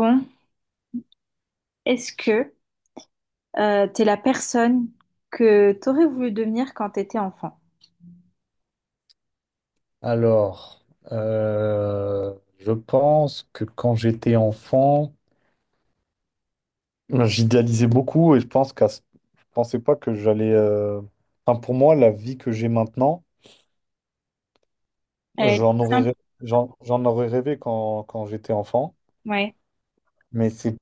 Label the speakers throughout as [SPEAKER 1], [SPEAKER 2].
[SPEAKER 1] Bon, est-ce que t'es la personne que t'aurais voulu devenir quand t'étais enfant?
[SPEAKER 2] Alors, euh, je pense que quand j'étais enfant, j'idéalisais beaucoup et je pense je pensais pas que j'allais. Enfin, pour moi, la vie que j'ai maintenant,
[SPEAKER 1] Euh,
[SPEAKER 2] j'en aurais
[SPEAKER 1] Simple,
[SPEAKER 2] rêvé, j'en aurais rêvé quand j'étais enfant.
[SPEAKER 1] ouais.
[SPEAKER 2] Mais c'est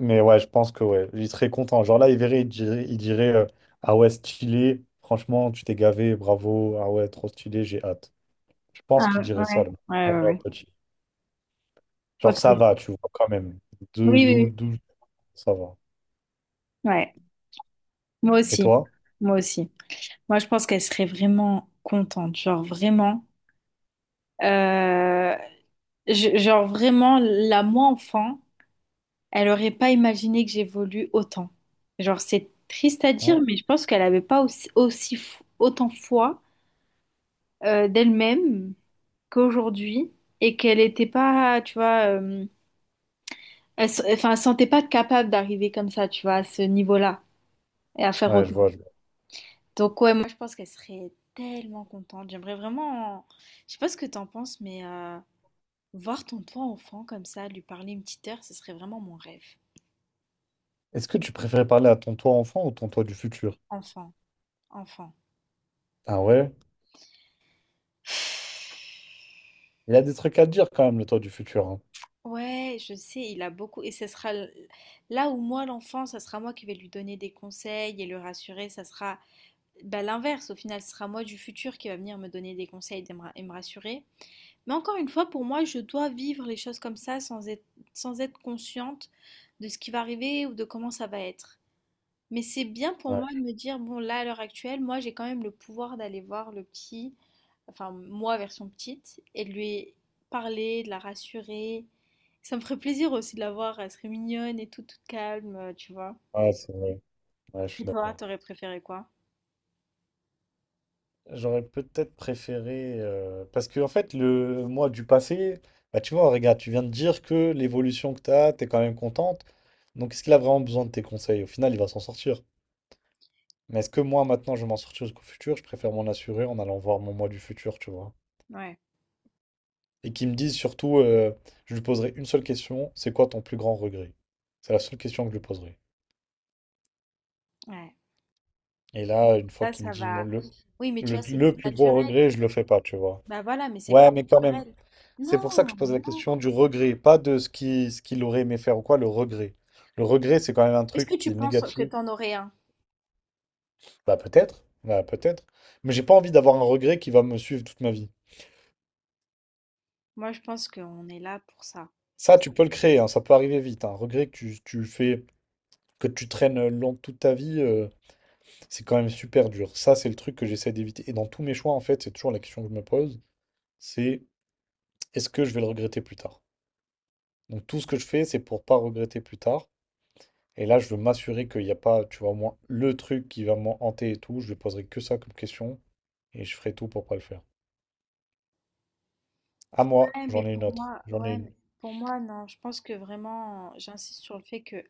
[SPEAKER 2] Mais ouais, je pense que ouais, il serait content. Genre là, il verrait, il dirait ah ouais, stylé, franchement, tu t'es gavé, bravo, ah ouais, trop stylé, j'ai hâte. Je pense
[SPEAKER 1] Ah,
[SPEAKER 2] qu'il dirait ça,
[SPEAKER 1] ouais,
[SPEAKER 2] le
[SPEAKER 1] ouais,
[SPEAKER 2] mon
[SPEAKER 1] ouais,
[SPEAKER 2] grand
[SPEAKER 1] ouais.
[SPEAKER 2] petit. Genre
[SPEAKER 1] Ok.
[SPEAKER 2] ça
[SPEAKER 1] Oui,
[SPEAKER 2] va, tu vois, quand même. Deux,
[SPEAKER 1] oui, oui.
[SPEAKER 2] douze, douze, ça va.
[SPEAKER 1] Ouais. Moi
[SPEAKER 2] Et
[SPEAKER 1] aussi.
[SPEAKER 2] toi?
[SPEAKER 1] Moi aussi. Moi, je pense qu'elle serait vraiment contente, genre vraiment. Euh, genre vraiment, la moi enfant, elle aurait pas imaginé que j'évolue autant. Genre, c'est triste à dire,
[SPEAKER 2] Hein.
[SPEAKER 1] mais je pense qu'elle avait pas autant foi d'elle-même qu'aujourd'hui et qu'elle était pas, tu vois, enfin, elle sentait pas capable d'arriver comme ça, tu vois, à ce niveau-là et à faire
[SPEAKER 2] Ouais,
[SPEAKER 1] autant.
[SPEAKER 2] je vois.
[SPEAKER 1] Donc, ouais, moi, je pense qu'elle serait tellement contente. J'aimerais vraiment, je sais pas ce que t'en penses, mais, voir ton toi enfant comme ça, lui parler une petite heure, ce serait vraiment mon rêve.
[SPEAKER 2] Est-ce que tu préférais parler à ton toi enfant ou ton toi du futur?
[SPEAKER 1] Enfant, enfant.
[SPEAKER 2] Ah ouais? Il a des trucs à dire quand même, le toit du futur, hein.
[SPEAKER 1] Ouais, je sais, il a beaucoup. Et ce sera là où moi, l'enfant, ça sera moi qui vais lui donner des conseils et le rassurer. Ça sera bah, l'inverse. Au final, ce sera moi du futur qui va venir me donner des conseils et me rassurer. Mais encore une fois, pour moi, je dois vivre les choses comme ça sans être consciente de ce qui va arriver ou de comment ça va être. Mais c'est bien pour
[SPEAKER 2] Ouais,
[SPEAKER 1] moi de me dire, bon, là, à l'heure actuelle, moi, j'ai quand même le pouvoir d'aller voir le petit, enfin, moi, version petite, et de lui parler, de la rassurer. Ça me ferait plaisir aussi de la voir, elle serait mignonne et tout, toute calme, tu vois.
[SPEAKER 2] ouais, c'est vrai. Ouais, je suis
[SPEAKER 1] Et toi,
[SPEAKER 2] d'accord.
[SPEAKER 1] t'aurais préféré quoi?
[SPEAKER 2] J'aurais peut-être préféré. Parce que, en fait, le moi du passé, bah, tu vois, regarde, tu viens de dire que l'évolution que tu as, tu es quand même contente. Donc, est-ce qu'il a vraiment besoin de tes conseils? Au final, il va s'en sortir. Mais est-ce que moi, maintenant, je vais m'en sortir jusqu'au futur? Je préfère m'en assurer en allant voir mon moi du futur, tu vois.
[SPEAKER 1] Ouais,
[SPEAKER 2] Et qui me dise surtout, je lui poserai une seule question, c'est quoi ton plus grand regret? C'est la seule question que je lui poserai.
[SPEAKER 1] ouais.
[SPEAKER 2] Et là, une fois
[SPEAKER 1] Ça,
[SPEAKER 2] qu'il me
[SPEAKER 1] ça
[SPEAKER 2] dit moi,
[SPEAKER 1] va. Oui, mais tu vois, c'est
[SPEAKER 2] le
[SPEAKER 1] plus
[SPEAKER 2] plus gros
[SPEAKER 1] naturel.
[SPEAKER 2] regret, je le fais pas, tu vois.
[SPEAKER 1] Bah voilà, mais c'est plus
[SPEAKER 2] Ouais, mais quand même,
[SPEAKER 1] naturel.
[SPEAKER 2] c'est
[SPEAKER 1] Non,
[SPEAKER 2] pour ça que je pose la
[SPEAKER 1] non.
[SPEAKER 2] question du regret, pas de ce ce qu'il aurait aimé faire ou quoi, le regret. Le regret, c'est quand même un
[SPEAKER 1] Est-ce que
[SPEAKER 2] truc qui est
[SPEAKER 1] tu penses que
[SPEAKER 2] négatif.
[SPEAKER 1] t'en aurais un?
[SPEAKER 2] Bah peut-être, bah peut-être. Mais j'ai pas envie d'avoir un regret qui va me suivre toute ma vie.
[SPEAKER 1] Moi, je pense qu'on est là pour ça.
[SPEAKER 2] Ça, tu peux le créer, hein, ça peut arriver vite. Un regret que tu fais, que tu traînes long toute ta vie, c'est quand même super dur. Ça, c'est le truc que j'essaie d'éviter. Et dans tous mes choix, en fait, c'est toujours la question que je me pose, c'est est-ce que je vais le regretter plus tard? Donc tout ce que je fais, c'est pour pas regretter plus tard. Et là, je veux m'assurer qu'il n'y a pas, tu vois, au moins le truc qui va m'en hanter et tout. Je ne poserai que ça comme question et je ferai tout pour pas le faire. À moi,
[SPEAKER 1] Ouais, mais
[SPEAKER 2] j'en ai une
[SPEAKER 1] pour
[SPEAKER 2] autre.
[SPEAKER 1] moi,
[SPEAKER 2] J'en ai une.
[SPEAKER 1] non, je pense que vraiment, j'insiste sur le fait que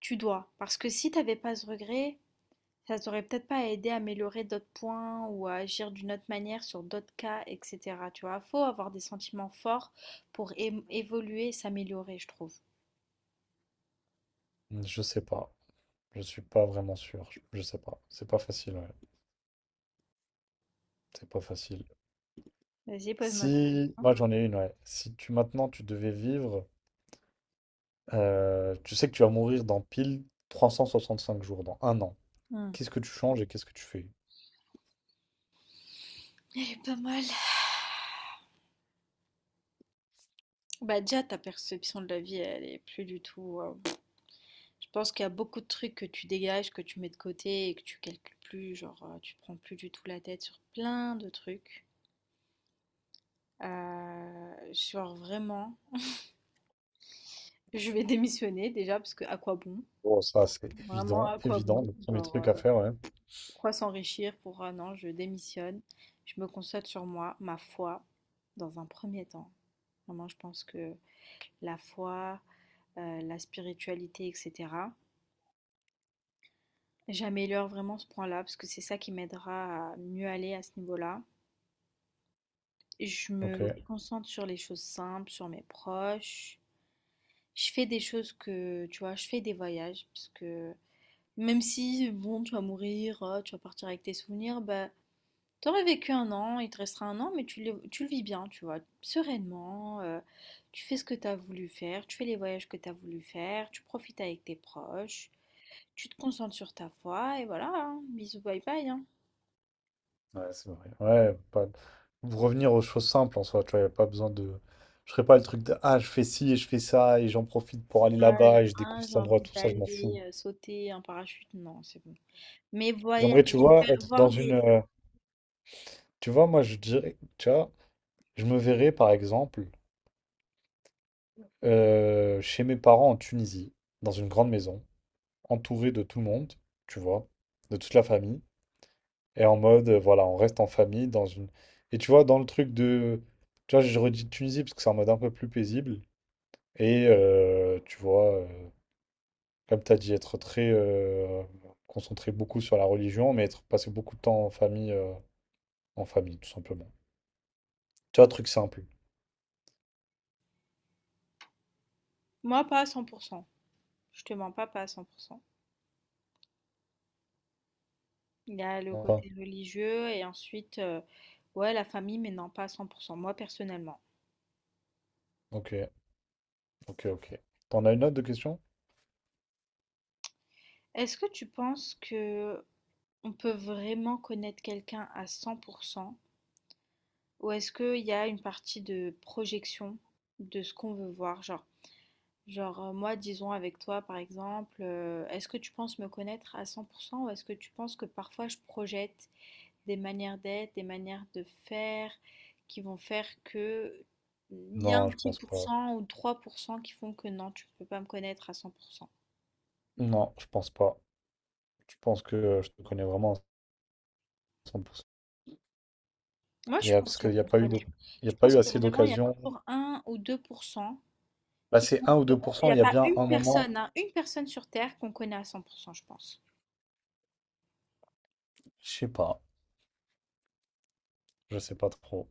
[SPEAKER 1] tu dois. Parce que si t'avais pas ce regret, ça t'aurait peut-être pas aidé à améliorer d'autres points ou à agir d'une autre manière sur d'autres cas, etc. Tu vois, faut avoir des sentiments forts pour évoluer, s'améliorer, je trouve.
[SPEAKER 2] Je sais pas. Je suis pas vraiment sûr. Je sais pas. C'est pas facile, ouais. C'est pas facile.
[SPEAKER 1] Vas-y, pose-moi ta
[SPEAKER 2] Si,
[SPEAKER 1] question.
[SPEAKER 2] moi j'en ai une, ouais. Si tu maintenant tu devais vivre, tu sais que tu vas mourir dans pile 365 jours, dans un an.
[SPEAKER 1] Hmm.
[SPEAKER 2] Qu'est-ce que tu changes et qu'est-ce que tu fais?
[SPEAKER 1] Elle est pas mal. Bah déjà, ta perception de la vie, elle est plus du tout. Je pense qu'il y a beaucoup de trucs que tu dégages, que tu mets de côté et que tu calcules plus, genre tu prends plus du tout la tête sur plein de trucs. Genre vraiment, je vais démissionner déjà parce que à quoi bon?
[SPEAKER 2] Oh, ça c'est
[SPEAKER 1] Vraiment
[SPEAKER 2] évident,
[SPEAKER 1] à quoi
[SPEAKER 2] évident,
[SPEAKER 1] bon?
[SPEAKER 2] le premier
[SPEAKER 1] Genre
[SPEAKER 2] truc à faire, ouais.
[SPEAKER 1] pourquoi s'enrichir pour un an? Je démissionne, je me concentre sur moi, ma foi, dans un premier temps. Vraiment, je pense que la foi, la spiritualité, etc. J'améliore vraiment ce point-là parce que c'est ça qui m'aidera à mieux aller à ce niveau-là. Je
[SPEAKER 2] Ok,
[SPEAKER 1] me concentre sur les choses simples, sur mes proches. Je fais des choses que, tu vois, je fais des voyages parce que même si, bon, tu vas mourir, tu vas partir avec tes souvenirs, bah, t'aurais vécu un an, il te restera un an, mais tu le vis bien, tu vois, sereinement. Tu fais ce que tu as voulu faire, tu fais les voyages que tu as voulu faire, tu profites avec tes proches, tu te concentres sur ta foi et voilà, hein, bisous, bye bye, hein.
[SPEAKER 2] ouais, c'est vrai. Ouais, pas... vous revenir aux choses simples en soi, tu vois, y a pas besoin de. Je ferai pas le truc de ah, je fais ci et je fais ça et j'en profite pour aller
[SPEAKER 1] Ah, j'ai
[SPEAKER 2] là-bas et je
[SPEAKER 1] ah,
[SPEAKER 2] découvre
[SPEAKER 1] j'ai
[SPEAKER 2] cet endroit,
[SPEAKER 1] envie
[SPEAKER 2] tout ça, je m'en fous.
[SPEAKER 1] d'aller sauter un parachute, non, c'est bon. Mais
[SPEAKER 2] J'aimerais, tu
[SPEAKER 1] voyager,
[SPEAKER 2] vois, être dans
[SPEAKER 1] voir
[SPEAKER 2] une.
[SPEAKER 1] des
[SPEAKER 2] euh, Tu vois, moi je dirais, tu vois, je me verrais par exemple, chez mes parents en Tunisie, dans une grande maison, entouré de tout le monde, tu vois, de toute la famille. Et en mode, voilà, on reste en famille dans une. Et tu vois, dans le truc de. Tu vois, je redis Tunisie parce que c'est en mode un peu plus paisible. Et tu vois, comme tu as dit, être très, concentré beaucoup sur la religion, mais être passé beaucoup de temps en famille, en famille, tout simplement. Tu vois, truc simple.
[SPEAKER 1] moi pas à 100%, je te mens pas, pas à 100%. Il y a le
[SPEAKER 2] Enfin,
[SPEAKER 1] côté religieux et ensuite, ouais la famille, mais non pas à 100% moi personnellement.
[SPEAKER 2] ok, ok, ok. T'en as une autre de question?
[SPEAKER 1] Est-ce que tu penses que on peut vraiment connaître quelqu'un à 100% ou est-ce qu'il y a une partie de projection de ce qu'on veut voir? Genre, moi disons avec toi par exemple, est-ce que tu penses me connaître à 100% ou est-ce que tu penses que parfois je projette des manières d'être, des manières de faire qui vont faire que il y a un
[SPEAKER 2] Non, je
[SPEAKER 1] petit
[SPEAKER 2] pense pas.
[SPEAKER 1] pourcent ou 3% qui font que non, tu peux pas me connaître à 100%.
[SPEAKER 2] Non, je pense pas. Tu penses que je te connais vraiment à 100%.
[SPEAKER 1] Moi, je suis pas
[SPEAKER 2] Parce
[SPEAKER 1] sûre
[SPEAKER 2] qu'il n'y a
[SPEAKER 1] qu'on se
[SPEAKER 2] pas eu de-
[SPEAKER 1] connaît.
[SPEAKER 2] il y
[SPEAKER 1] Je
[SPEAKER 2] a pas
[SPEAKER 1] pense
[SPEAKER 2] eu
[SPEAKER 1] que
[SPEAKER 2] assez
[SPEAKER 1] vraiment, il y a
[SPEAKER 2] d'occasions.
[SPEAKER 1] toujours un ou 2%
[SPEAKER 2] Là,
[SPEAKER 1] qui font
[SPEAKER 2] c'est un ou
[SPEAKER 1] que il n'y
[SPEAKER 2] 2%.
[SPEAKER 1] a
[SPEAKER 2] Il y a
[SPEAKER 1] pas
[SPEAKER 2] bien
[SPEAKER 1] une
[SPEAKER 2] un moment,
[SPEAKER 1] personne, hein, une personne sur Terre qu'on connaît à 100%, je pense.
[SPEAKER 2] je sais pas, je sais pas trop.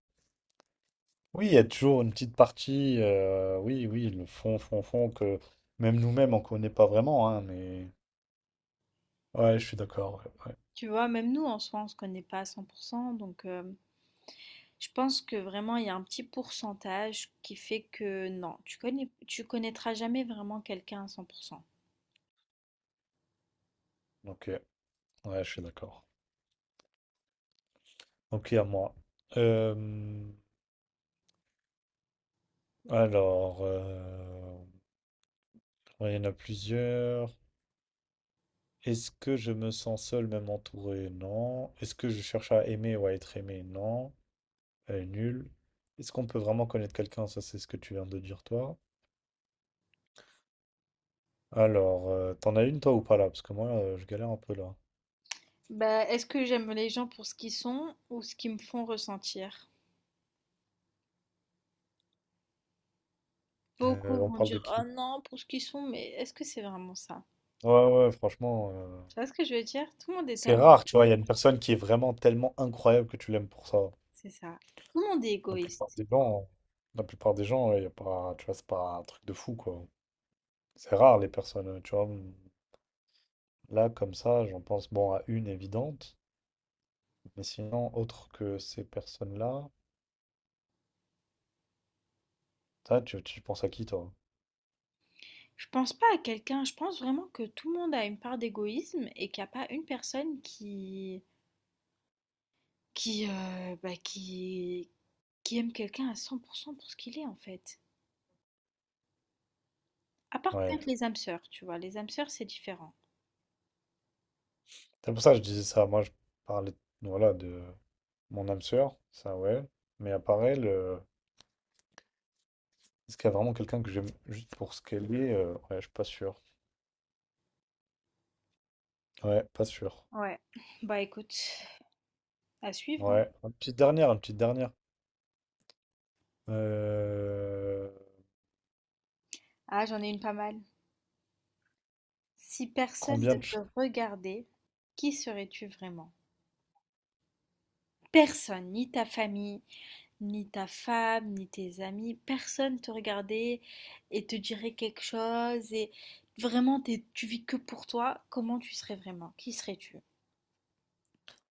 [SPEAKER 2] Oui, il y a toujours une petite partie, oui, oui, le fond, fond, fond, que même nous-mêmes, on connaît pas vraiment, hein, mais... Ouais, je suis d'accord, ouais, ouais.
[SPEAKER 1] Tu vois, même nous, en soi, on se connaît pas à 100%, donc je pense que vraiment, il y a un petit pourcentage qui fait que non, tu connais, tu connaîtras jamais vraiment quelqu'un à 100%.
[SPEAKER 2] Ok, ouais, je suis d'accord. Ok, à moi. Euh, alors, ouais, il y en a plusieurs. Est-ce que je me sens seul, même entouré? Non. Est-ce que je cherche à aimer ou à être aimé? Non. Elle est nulle. Est-ce qu'on peut vraiment connaître quelqu'un? Ça, c'est ce que tu viens de dire, toi. Alors, t'en as une, toi, ou pas, là? Parce que moi, je galère un peu, là.
[SPEAKER 1] Bah, est-ce que j'aime les gens pour ce qu'ils sont ou ce qu'ils me font ressentir? Beaucoup
[SPEAKER 2] On
[SPEAKER 1] vont
[SPEAKER 2] parle de
[SPEAKER 1] dire «Oh
[SPEAKER 2] qui?
[SPEAKER 1] non, pour ce qu'ils sont», mais est-ce que c'est vraiment ça?
[SPEAKER 2] Ouais, ouais, ouais, franchement,
[SPEAKER 1] Tu vois ce que je veux dire? Tout le monde est
[SPEAKER 2] c'est
[SPEAKER 1] tellement
[SPEAKER 2] rare, tu
[SPEAKER 1] égoïste,
[SPEAKER 2] vois. Il y a une personne qui est vraiment tellement incroyable que tu l'aimes pour ça.
[SPEAKER 1] c'est ça. Tout le monde est
[SPEAKER 2] La plupart
[SPEAKER 1] égoïste.
[SPEAKER 2] des gens, la plupart des gens, il y a pas, tu vois, c'est pas un truc de fou, quoi. C'est rare, les personnes, tu vois. Là, comme ça, j'en pense, bon, à une évidente. Mais sinon, autre que ces personnes-là, toi, tu penses à qui, toi?
[SPEAKER 1] Je pense pas à quelqu'un, je pense vraiment que tout le monde a une part d'égoïsme et qu'il n'y a pas une personne qui bah, qui aime quelqu'un à 100% pour ce qu'il est en fait. À part
[SPEAKER 2] Ouais.
[SPEAKER 1] peut-être les âmes sœurs, tu vois, les âmes sœurs c'est différent.
[SPEAKER 2] C'est pour ça que je disais ça. Je parlais, voilà, de mon âme sœur, ça, ouais. Mais à part elle, est-ce qu'il y a vraiment quelqu'un que j'aime juste pour ce qu'elle est? Ouais, je suis pas sûr. Ouais, pas sûr.
[SPEAKER 1] Ouais. Bah écoute, à suivre, hein.
[SPEAKER 2] Ouais. Une petite dernière, une petite dernière. Euh,
[SPEAKER 1] Ah, j'en ai une pas mal. Si personne
[SPEAKER 2] Combien
[SPEAKER 1] ne
[SPEAKER 2] de...
[SPEAKER 1] te
[SPEAKER 2] ch-
[SPEAKER 1] regardait, qui serais-tu vraiment? Personne, ni ta famille, ni ta femme, ni tes amis, personne te regardait et te dirait quelque chose et vraiment tu vis que pour toi, comment tu serais vraiment? Qui serais-tu?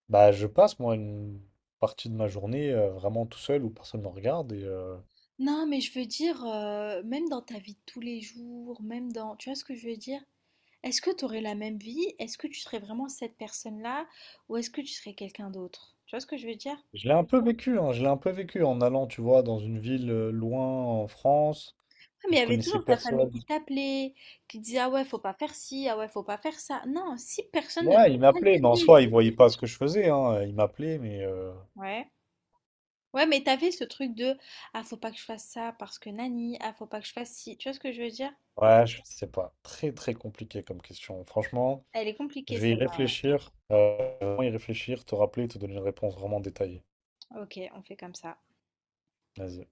[SPEAKER 2] Bah, je passe, moi, une partie de ma journée vraiment tout seul où personne ne me regarde. Et
[SPEAKER 1] Non, mais je veux dire, même dans ta vie de tous les jours, même dans... Tu vois ce que je veux dire? Est-ce que tu aurais la même vie? Est-ce que tu serais vraiment cette personne-là? Ou est-ce que tu serais quelqu'un d'autre? Tu vois ce que je veux dire?
[SPEAKER 2] je l'ai un peu vécu, hein, je l'ai un peu vécu en allant, tu vois, dans une ville loin en France
[SPEAKER 1] Ah,
[SPEAKER 2] où
[SPEAKER 1] mais il
[SPEAKER 2] je
[SPEAKER 1] y avait
[SPEAKER 2] connaissais
[SPEAKER 1] toujours ta famille
[SPEAKER 2] personne.
[SPEAKER 1] qui t'appelait, qui disait ah ouais, faut pas faire ci, ah ouais, faut pas faire ça. Non, si personne ne te
[SPEAKER 2] Ouais, il m'appelait, mais en
[SPEAKER 1] calculait, je
[SPEAKER 2] soi, il
[SPEAKER 1] veux
[SPEAKER 2] voyait
[SPEAKER 1] dire.
[SPEAKER 2] pas ce que je faisais. Hein, il m'appelait, mais
[SPEAKER 1] Ouais. Ouais, mais t'avais ce truc de ah, faut pas que je fasse ça parce que nani, ah, faut pas que je fasse ci. Tu vois ce que je veux dire?
[SPEAKER 2] ouais, je sais pas. Très, très compliqué comme question. Franchement,
[SPEAKER 1] Elle est compliquée
[SPEAKER 2] je vais y
[SPEAKER 1] celle-là.
[SPEAKER 2] réfléchir. Vraiment y réfléchir, te rappeler, te donner une réponse vraiment détaillée.
[SPEAKER 1] Ok, on fait comme ça.
[SPEAKER 2] Vas-y.